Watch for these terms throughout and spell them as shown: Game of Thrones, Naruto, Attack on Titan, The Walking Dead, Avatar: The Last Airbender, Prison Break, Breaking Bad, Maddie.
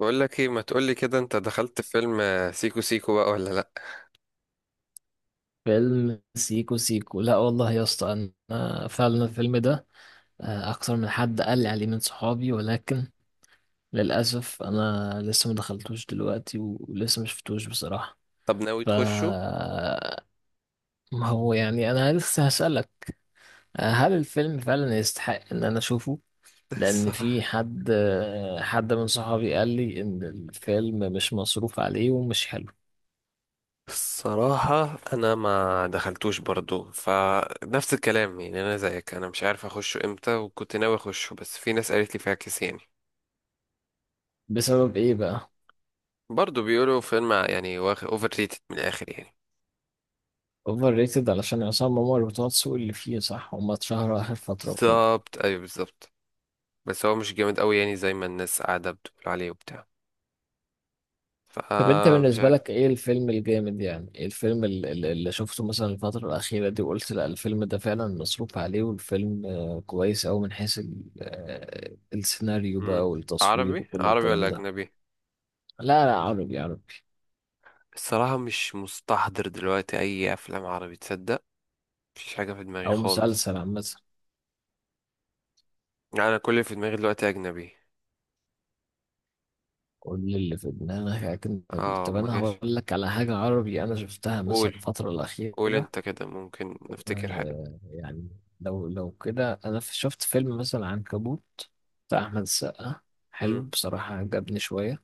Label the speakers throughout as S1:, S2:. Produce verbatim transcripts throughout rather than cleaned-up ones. S1: بقول لك ايه؟ ما تقولي كده، انت دخلت في فيلم آه، سيكو سيكو بقى ولا لا؟
S2: فيلم سيكو سيكو، لا والله يا اسطى. انا فعلا الفيلم ده آه، اكتر من حد قال لي عليه من صحابي، ولكن للاسف انا لسه ما دخلتوش دلوقتي و- ولسه ما شفتوش بصراحه.
S1: طب ناوي
S2: ف
S1: تخشه؟
S2: ما هو يعني انا لسه هسالك، آه، هل الفيلم فعلا يستحق ان انا اشوفه؟ لان
S1: الصراحة،
S2: في حد آه، حد من صحابي قال لي ان الفيلم مش مصروف عليه ومش حلو.
S1: الصراحة أنا ما دخلتوش برضو، فنفس الكلام يعني، أنا زيك، أنا مش عارف أخشه إمتى وكنت ناوي أخشه، بس في ناس قالت لي فاكس يعني.
S2: بسبب ايه بقى؟
S1: برضو بيقولوا فيلم يعني أوفر ريتد من الآخر يعني.
S2: اوفر ريتد علشان عصام عمر بتوع السوق اللي فيه، صح، هما اتشهروا اخر فتره وكده.
S1: بالظبط، أيوه بالظبط. بس هو مش جامد أوي يعني زي ما الناس قاعدة بتقول عليه وبتاع،
S2: طب انت
S1: فمش
S2: بالنسبه
S1: عارف.
S2: لك ايه الفيلم الجامد؟ يعني ايه الفيلم ال- ال- اللي شفته مثلا الفتره الاخيره دي وقلت لا الفيلم ده فعلا مصروف عليه والفيلم آه، كويس أوي من حيث ال- آه، السيناريو
S1: مم.
S2: بقى والتصوير
S1: عربي
S2: وكل
S1: عربي
S2: الكلام
S1: ولا
S2: ده.
S1: أجنبي؟
S2: لا لا، عربي عربي.
S1: الصراحة مش مستحضر دلوقتي أي أفلام عربي، تصدق؟ مفيش حاجة في دماغي
S2: او
S1: خالص.
S2: مسلسل عامه.
S1: يعني أنا كل اللي في دماغي دلوقتي أجنبي.
S2: كل اللي في دماغك اجنبي.
S1: اه
S2: طب
S1: ما
S2: انا
S1: جاش.
S2: هقول لك على حاجه عربي انا شفتها مثلا
S1: قول،
S2: الفتره
S1: قول
S2: الاخيره.
S1: أنت كده، ممكن نفتكر حاجة.
S2: ويعني لو لو كده انا في- شفت فيلم مثلا عنكبوت، بتاع احمد السقا. حلو
S1: مم.
S2: بصراحة، عجبني شوية.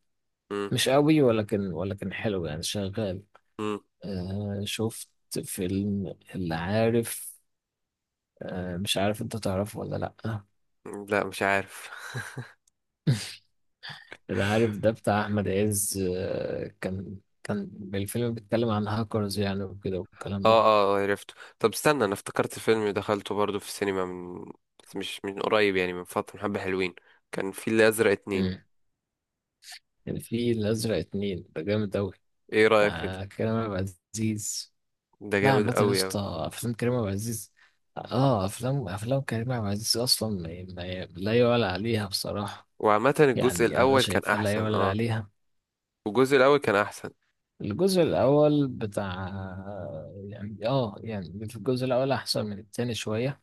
S1: مم.
S2: مش قوي، ولكن ولكن حلو يعني، شغال.
S1: مم.
S2: آه، شفت فيلم اللي عارف، آه مش عارف انت تعرفه ولا لأ.
S1: لا، مش عارف.
S2: اللي عارف ده بتاع احمد عز، آه، كان كان الفيلم بيتكلم عن هاكرز يعني وكده والكلام
S1: اه،
S2: ده.
S1: اه عرفته. طب استنى، أنا افتكرت فيلم دخلته برضو في السينما من، بس مش من قريب يعني، من فترة، من حبة حلوين. كان في الأزرق اتنين.
S2: مم. كان في الازرق اتنين، ده جامد اوي.
S1: ايه رأيك كده؟
S2: مع كريم عبد العزيز.
S1: ده ده
S2: لا
S1: جامد
S2: عامة يا
S1: أوي أوي.
S2: اسطى، أفلام كريم عبد العزيز، اه، أفلام أفلام كريم عبد العزيز أصلا ما ما- لا يعلى عليها بصراحة.
S1: وعامة الجزء
S2: يعني أنا
S1: الأول كان
S2: شايفها لا
S1: أحسن،
S2: يعلى
S1: اه.
S2: عليها.
S1: الجزء الأول كان أحسن.
S2: الجزء الأول بتاع، يعني اه، يعني في الجزء الأول أحسن من التاني شوية،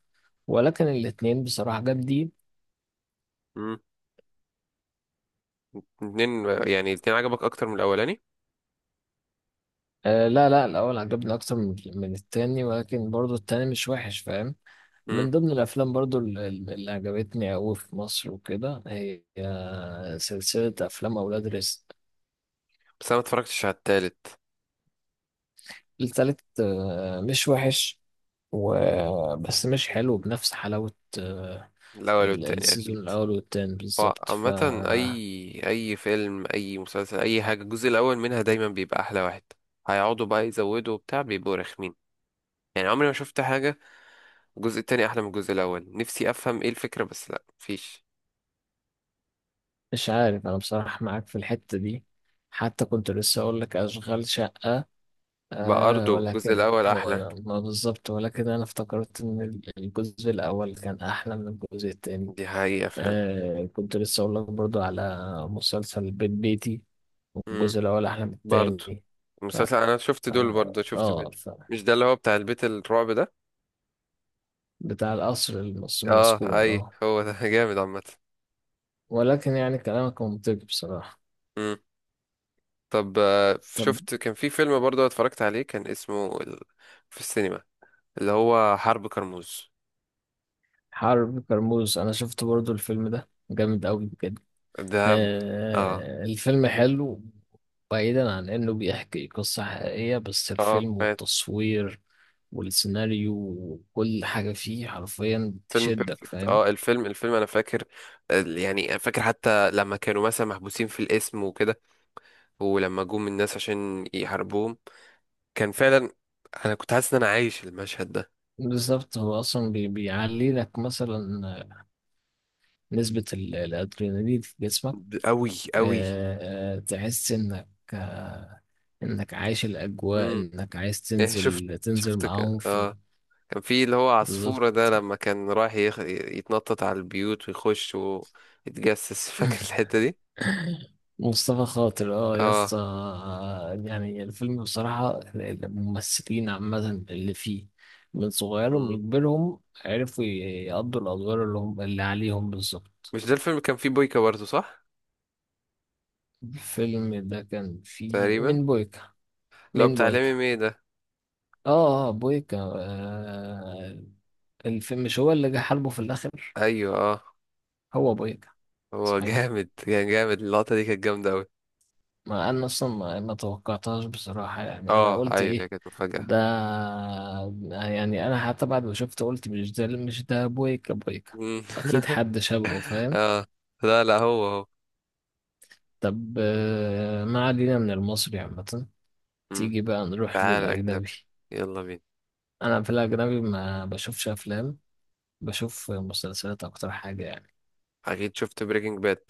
S2: ولكن الاتنين بصراحة جامدين.
S1: اتنين يعني؟ اتنين عجبك اكتر من الاولاني؟
S2: آه، لا لا، الأول عجبني أكتر من من التاني، ولكن برضو التاني مش وحش، فاهم.
S1: امم.
S2: من ضمن الأفلام برضو ال- ال- اللي عجبتني أوي في مصر وكده هي، آه، سلسلة أفلام أولاد رزق.
S1: بس انا ما اتفرجتش على التالت.
S2: التالت آه، مش وحش و... بس مش حلو بنفس حلاوة آه،
S1: الاول
S2: ال-
S1: والتاني
S2: السيزون
S1: اكيد.
S2: الأول والتاني
S1: هو
S2: بالظبط. ف
S1: عامة اي اي فيلم، اي مسلسل، اي حاجة، الجزء الاول منها دايما بيبقى احلى واحد. هيقعدوا بقى يزودوا وبتاع، بيبقوا رخمين يعني. عمري ما شفت حاجة الجزء التاني احلى من الجزء الاول. نفسي افهم ايه الفكرة، بس لا مفيش.
S2: مش عارف أنا بصراحة، معاك في الحتة دي. حتى كنت لسه أقول لك أشغال شقة، آه،
S1: برضه الجزء
S2: ولكن
S1: الاول احلى،
S2: هو ما بالظبط، ولكن أنا افتكرت إن ال- الجزء الأول كان أحلى من الجزء التاني.
S1: دي حقيقة فعلا.
S2: آه، كنت لسه أقول لك برضو على مسلسل بيت بيتي،
S1: امم.
S2: والجزء الأول أحلى من
S1: برضه
S2: التاني.
S1: المسلسل انا شفت دول،
S2: آه
S1: برضه شفت بيت.
S2: فآه،
S1: مش ده اللي هو بتاع البيت الرعب ده؟
S2: بتاع القصر المس-
S1: اه
S2: المسكون،
S1: اي
S2: اه.
S1: هو ده. جامد عامة.
S2: ولكن يعني كلامك منطقي بصراحة.
S1: مم. طب آه،
S2: طب،
S1: شفت كان في فيلم برضه اتفرجت عليه، كان اسمه ال... في السينما، اللي هو حرب كرموز.
S2: حرب كرموز أنا شفت برضو الفيلم ده، جامد أوي بجد.
S1: ده اه،
S2: آه الفيلم حلو. بعيدا عن إنه بيحكي قصة حقيقية، بس
S1: اه
S2: الفيلم
S1: فات.
S2: والتصوير والسيناريو وكل حاجة فيه حرفيا
S1: فيلم
S2: تشدك،
S1: بيرفكت،
S2: فاهم.
S1: اه. الفيلم، الفيلم انا فاكر ال- يعني أنا فاكر حتى لما كانوا مثلا محبوسين في القسم وكده، ولما جم الناس عشان يحاربوهم، كان فعلا، انا كنت حاسس ان انا عايش المشهد ده.
S2: بالظبط، هو أصلا بي- بيعلي لك مثلا نسبة ال- الأدرينالين في جسمك.
S1: ب- قوي قوي.
S2: آه آه، تحس إنك، آه، انك عايش الاجواء،
S1: امم.
S2: انك عايز
S1: شفت،
S2: تنزل تنزل
S1: شفت
S2: معاهم
S1: ك-
S2: في.
S1: اه، كان في اللي هو
S2: بالظبط.
S1: عصفورة ده لما كان رايح يخ... يتنطط على البيوت ويخش ويتجسس. فاكر الحتة دي؟
S2: مصطفى خاطر، اه يا
S1: اه.
S2: اسطى. يعني الفيلم بصراحة، الممثلين عامة اللي فيه، من صغيرهم
S1: مم.
S2: لكبيرهم، عرفوا يقضوا الأدوار اللي هم اللي عليهم بالظبط.
S1: مش ده الفيلم كان فيه بويكا برضه، صح؟
S2: الفيلم ده كان فيه
S1: تقريبا،
S2: مين؟ بويكا؟
S1: اللي هو
S2: مين
S1: بتاع لامي
S2: بويكا؟
S1: مي ده.
S2: اه آه، بويكا، آه، الفيلم، مش هو اللي جه حلبه في الآخر،
S1: ايوه اه.
S2: هو بويكا.
S1: هو
S2: صحيح،
S1: جامد، كان جامد، اللقطة دي كانت جامدة اوي.
S2: ما انا اصلا ما, ما توقعتهاش بصراحة، يعني انا
S1: اه
S2: قلت
S1: ايوه، هي
S2: ايه
S1: كانت مفاجأة.
S2: ده، يعني انا حتى بعد ما شفت قلت مش ده، مش ده بويكا، بويكا
S1: مم.
S2: اكيد حد شبهه، فاهم.
S1: اه. لا لا، هو هو.
S2: طب آه، ما علينا من المصري عامة،
S1: مم.
S2: تيجي بقى نروح
S1: تعال
S2: للاجنبي.
S1: اجنبي، يلا بينا.
S2: انا في الاجنبي ما بشوفش افلام، بشوف مسلسلات اكتر حاجة يعني.
S1: اكيد شفت بريكنج باد،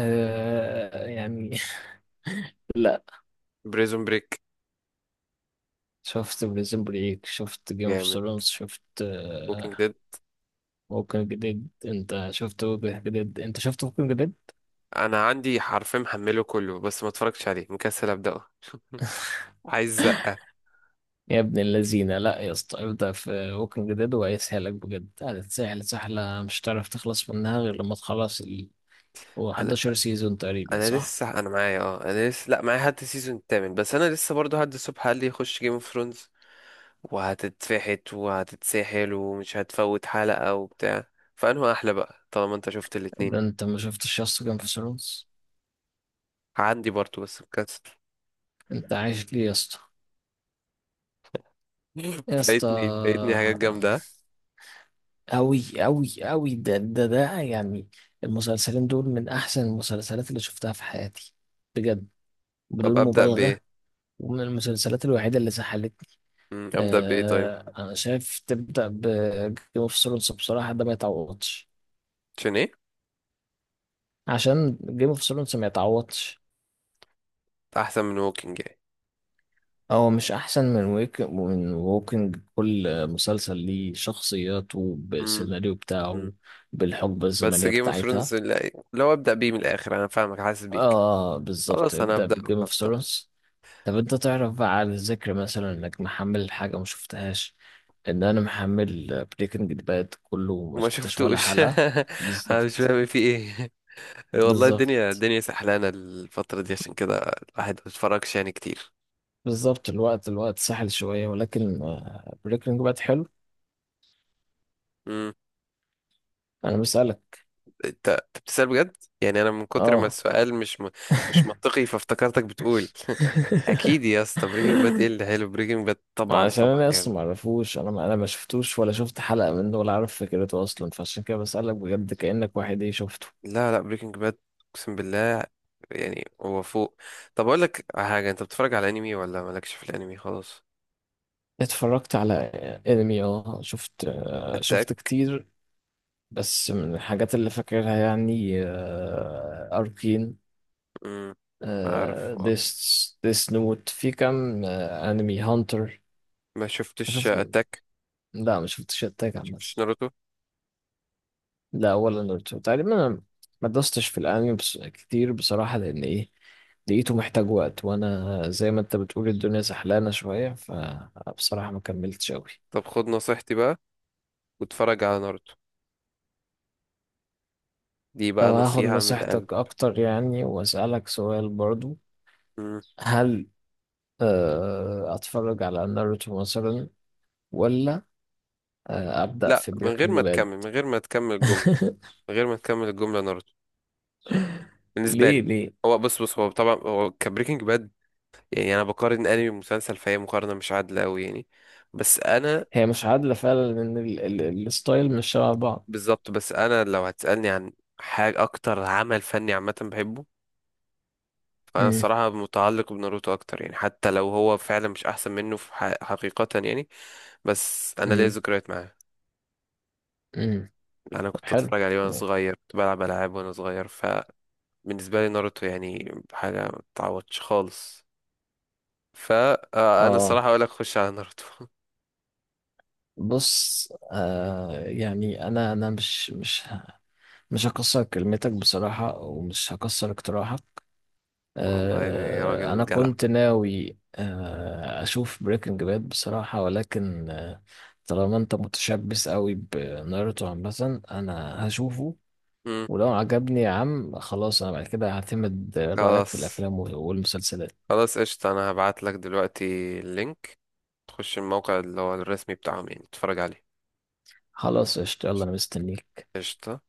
S2: أه يعني لا،
S1: بريزون بريك.
S2: شفت بريزن بريك، شفت جيم اوف
S1: جامد.
S2: ثرونز، شفت
S1: ووكينج
S2: آه،
S1: ديد.
S2: ممكن جديد، انت شفت ممكن جديد؟ انت شفت ممكن جديد؟
S1: انا عندي حرفين، محمله كله بس ما اتفرجتش عليه، مكسل ابداه. عايز زقة.
S2: يا ابن اللذينه، لا يا اسطى، ابدا في ممكن جديد وهيسهلك بجد، هتتسهل سهله، مش هتعرف تخلص منها غير لما تخلص ال، هو
S1: انا
S2: إحداشر سيزون تقريبا،
S1: انا
S2: صح؟
S1: لسه، انا معايا اه انا لسه، لا معايا لحد السيزون الثامن، بس انا لسه برضه هد الصبح قال لي يخش جيم اوف ثرونز، وهتتفحت وهتتسحل ومش هتفوت حلقة وبتاع، فانه احلى بقى طالما انت شفت
S2: ده
S1: الاتنين.
S2: انت ما شفتش يا اسطى جيم اوف ثرونز؟
S1: عندي برضه، بس مكسل.
S2: انت عايش ليه يا اسطى؟ يا اسطى،
S1: فايتني، فايتني حاجات جامدة.
S2: أوي أوي أوي ده ده ده يعني، المسلسلين دول من أحسن المسلسلات اللي شفتها في حياتي، بجد،
S1: طب
S2: بدون
S1: ابدا بايه؟
S2: مبالغة. ومن المسلسلات الوحيدة اللي سحلتني.
S1: مم، ابدا بايه طيب؟
S2: آه، انا شايف تبدا بجيم اوف ثرونز بصراحه، ده ما يتعوضش.
S1: عشان ايه؟
S2: عشان جيم اوف ثرونز ما يتعوضش.
S1: احسن من ووكينج
S2: هو مش احسن من ويك من ووكينج، كل مسلسل ليه شخصياته
S1: يعني؟
S2: بالسيناريو بتاعه، بالحقبه
S1: بس
S2: الزمنيه
S1: جيم اوف
S2: بتاعتها.
S1: ثرونز، اللي اللي هو ابدأ بيه من الآخر، أنا فاهمك، حاسس بيك.
S2: اه بالظبط،
S1: خلاص أنا
S2: ابدا
S1: هبدأ،
S2: بجيم اوف
S1: هبدأ.
S2: ثرونز. طب انت تعرف بقى على الذكر، مثلا انك محمل حاجه ما شفتهاش، ان انا محمل بريكنج باد كله، ما
S1: ما
S2: شفتش ولا
S1: شفتوش.
S2: حلقه.
S1: أنا مش
S2: بالظبط
S1: فاهم في إيه. والله، الدنيا
S2: بالظبط
S1: الدنيا سحلانة الفترة دي، عشان كده الواحد ما بيتفرجش يعني كتير.
S2: بالظبط الوقت الوقت سهل شوية، ولكن آه، بريكنج باد حلو.
S1: امم.
S2: أنا بسألك.
S1: أنت أنت بتسأل بجد يعني؟ أنا من كتر ما
S2: اه
S1: السؤال مش م... مش منطقي، فافتكرتك بتقول. أكيد يا اسطى، بريكنج باد إيه اللي حلو؟ بريكنج باد
S2: ما
S1: طبعا
S2: عشان
S1: طبعا
S2: أنا
S1: جامد.
S2: أصلا معرفوش، أنا ما، أنا ما شفتوش ولا شفت حلقة منه ولا عارف فكرته أصلا، فعشان كده بسألك بجد كأنك واحد إيه شفته.
S1: لا لا، بريكنج باد، اقسم بالله يعني هو فوق. طب اقول لك على حاجه، انت بتتفرج على انمي ولا مالكش في الانمي خالص؟
S2: اتفرجت على انمي، اه، شفت، آه، شفت
S1: اتاك.
S2: كتير. بس من الحاجات اللي فاكرها يعني، أركين،
S1: امم. عارف آه.
S2: ديس ديس نوت في كام، آه، انمي هانتر،
S1: ما شفتش
S2: شفت.
S1: اتاك.
S2: لا ما شفتش التاج عامة.
S1: شفتش ناروتو؟
S2: لا ولا ناروتو تقريبا، أنا ما دوستش في الأنمي بس كتير بصراحة، لأن إيه، لقيته محتاج وقت، وأنا زي ما أنت بتقول الدنيا زحلانة شوية، فبصراحة ما كملتش أوي.
S1: طب خد نصيحتي بقى، واتفرج على ناروتو، دي
S2: طب
S1: بقى
S2: هاخد
S1: نصيحه من القلب.
S2: نصيحتك أكتر يعني، وأسألك سؤال برضو،
S1: امم.
S2: هل آه، أتفرج على ناروتو مثلا، ولا آه، أبدأ
S1: لا،
S2: في
S1: من غير
S2: بريكنج
S1: ما
S2: باد؟
S1: تكمل، من غير ما تكمل الجمله. من غير ما تكمل الجمله، ناروتو. بالنسبه
S2: ليه
S1: لي،
S2: ليه؟
S1: هو بص بص هو طبعا هو كبريكنج باد يعني، انا بقارن انمي بمسلسل، فهي مقارنه مش عادله قوي يعني. بس انا،
S2: هي مش عادلة فعلا، لأن ال- ال- الستايل مش شبه بعض.
S1: بالظبط. بس انا لو هتسألني عن حاجة اكتر عمل فني عامة بحبه، فانا
S2: مم،
S1: الصراحة متعلق بناروتو اكتر يعني، حتى لو هو فعلا مش احسن منه في ح- حقيقة يعني. بس انا ليا
S2: مم،
S1: ذكريات معاه.
S2: مم.
S1: انا كنت
S2: حلو.
S1: اتفرج عليه وانا صغير، كنت بلعب العاب وانا صغير. فبالنسبة لي ناروتو يعني حاجة ما تعوضش خالص. فانا
S2: اه،
S1: الصراحة اقول لك خش على ناروتو.
S2: بص، آه يعني انا انا مش مش مش هكسر كلمتك بصراحة، ومش هكسر اقتراحك.
S1: والله يعني
S2: آه انا
S1: راجل جدع.
S2: كنت ناوي آه اشوف بريكنج باد بصراحة، ولكن آه، طالما انت متشبث قوي بناروتو عامة انا هشوفه.
S1: مم.
S2: ولو عجبني يا عم، خلاص انا بعد كده هعتمد رأيك في
S1: خلاص،
S2: الافلام والمسلسلات.
S1: خلاص قشطة، انا هبعت لك دلوقتي اللينك، تخش الموقع اللي هو الرسمي بتاعهم يعني تتفرج عليه.
S2: خلاص قشطة، يلا انا مستنيك.
S1: قشطة.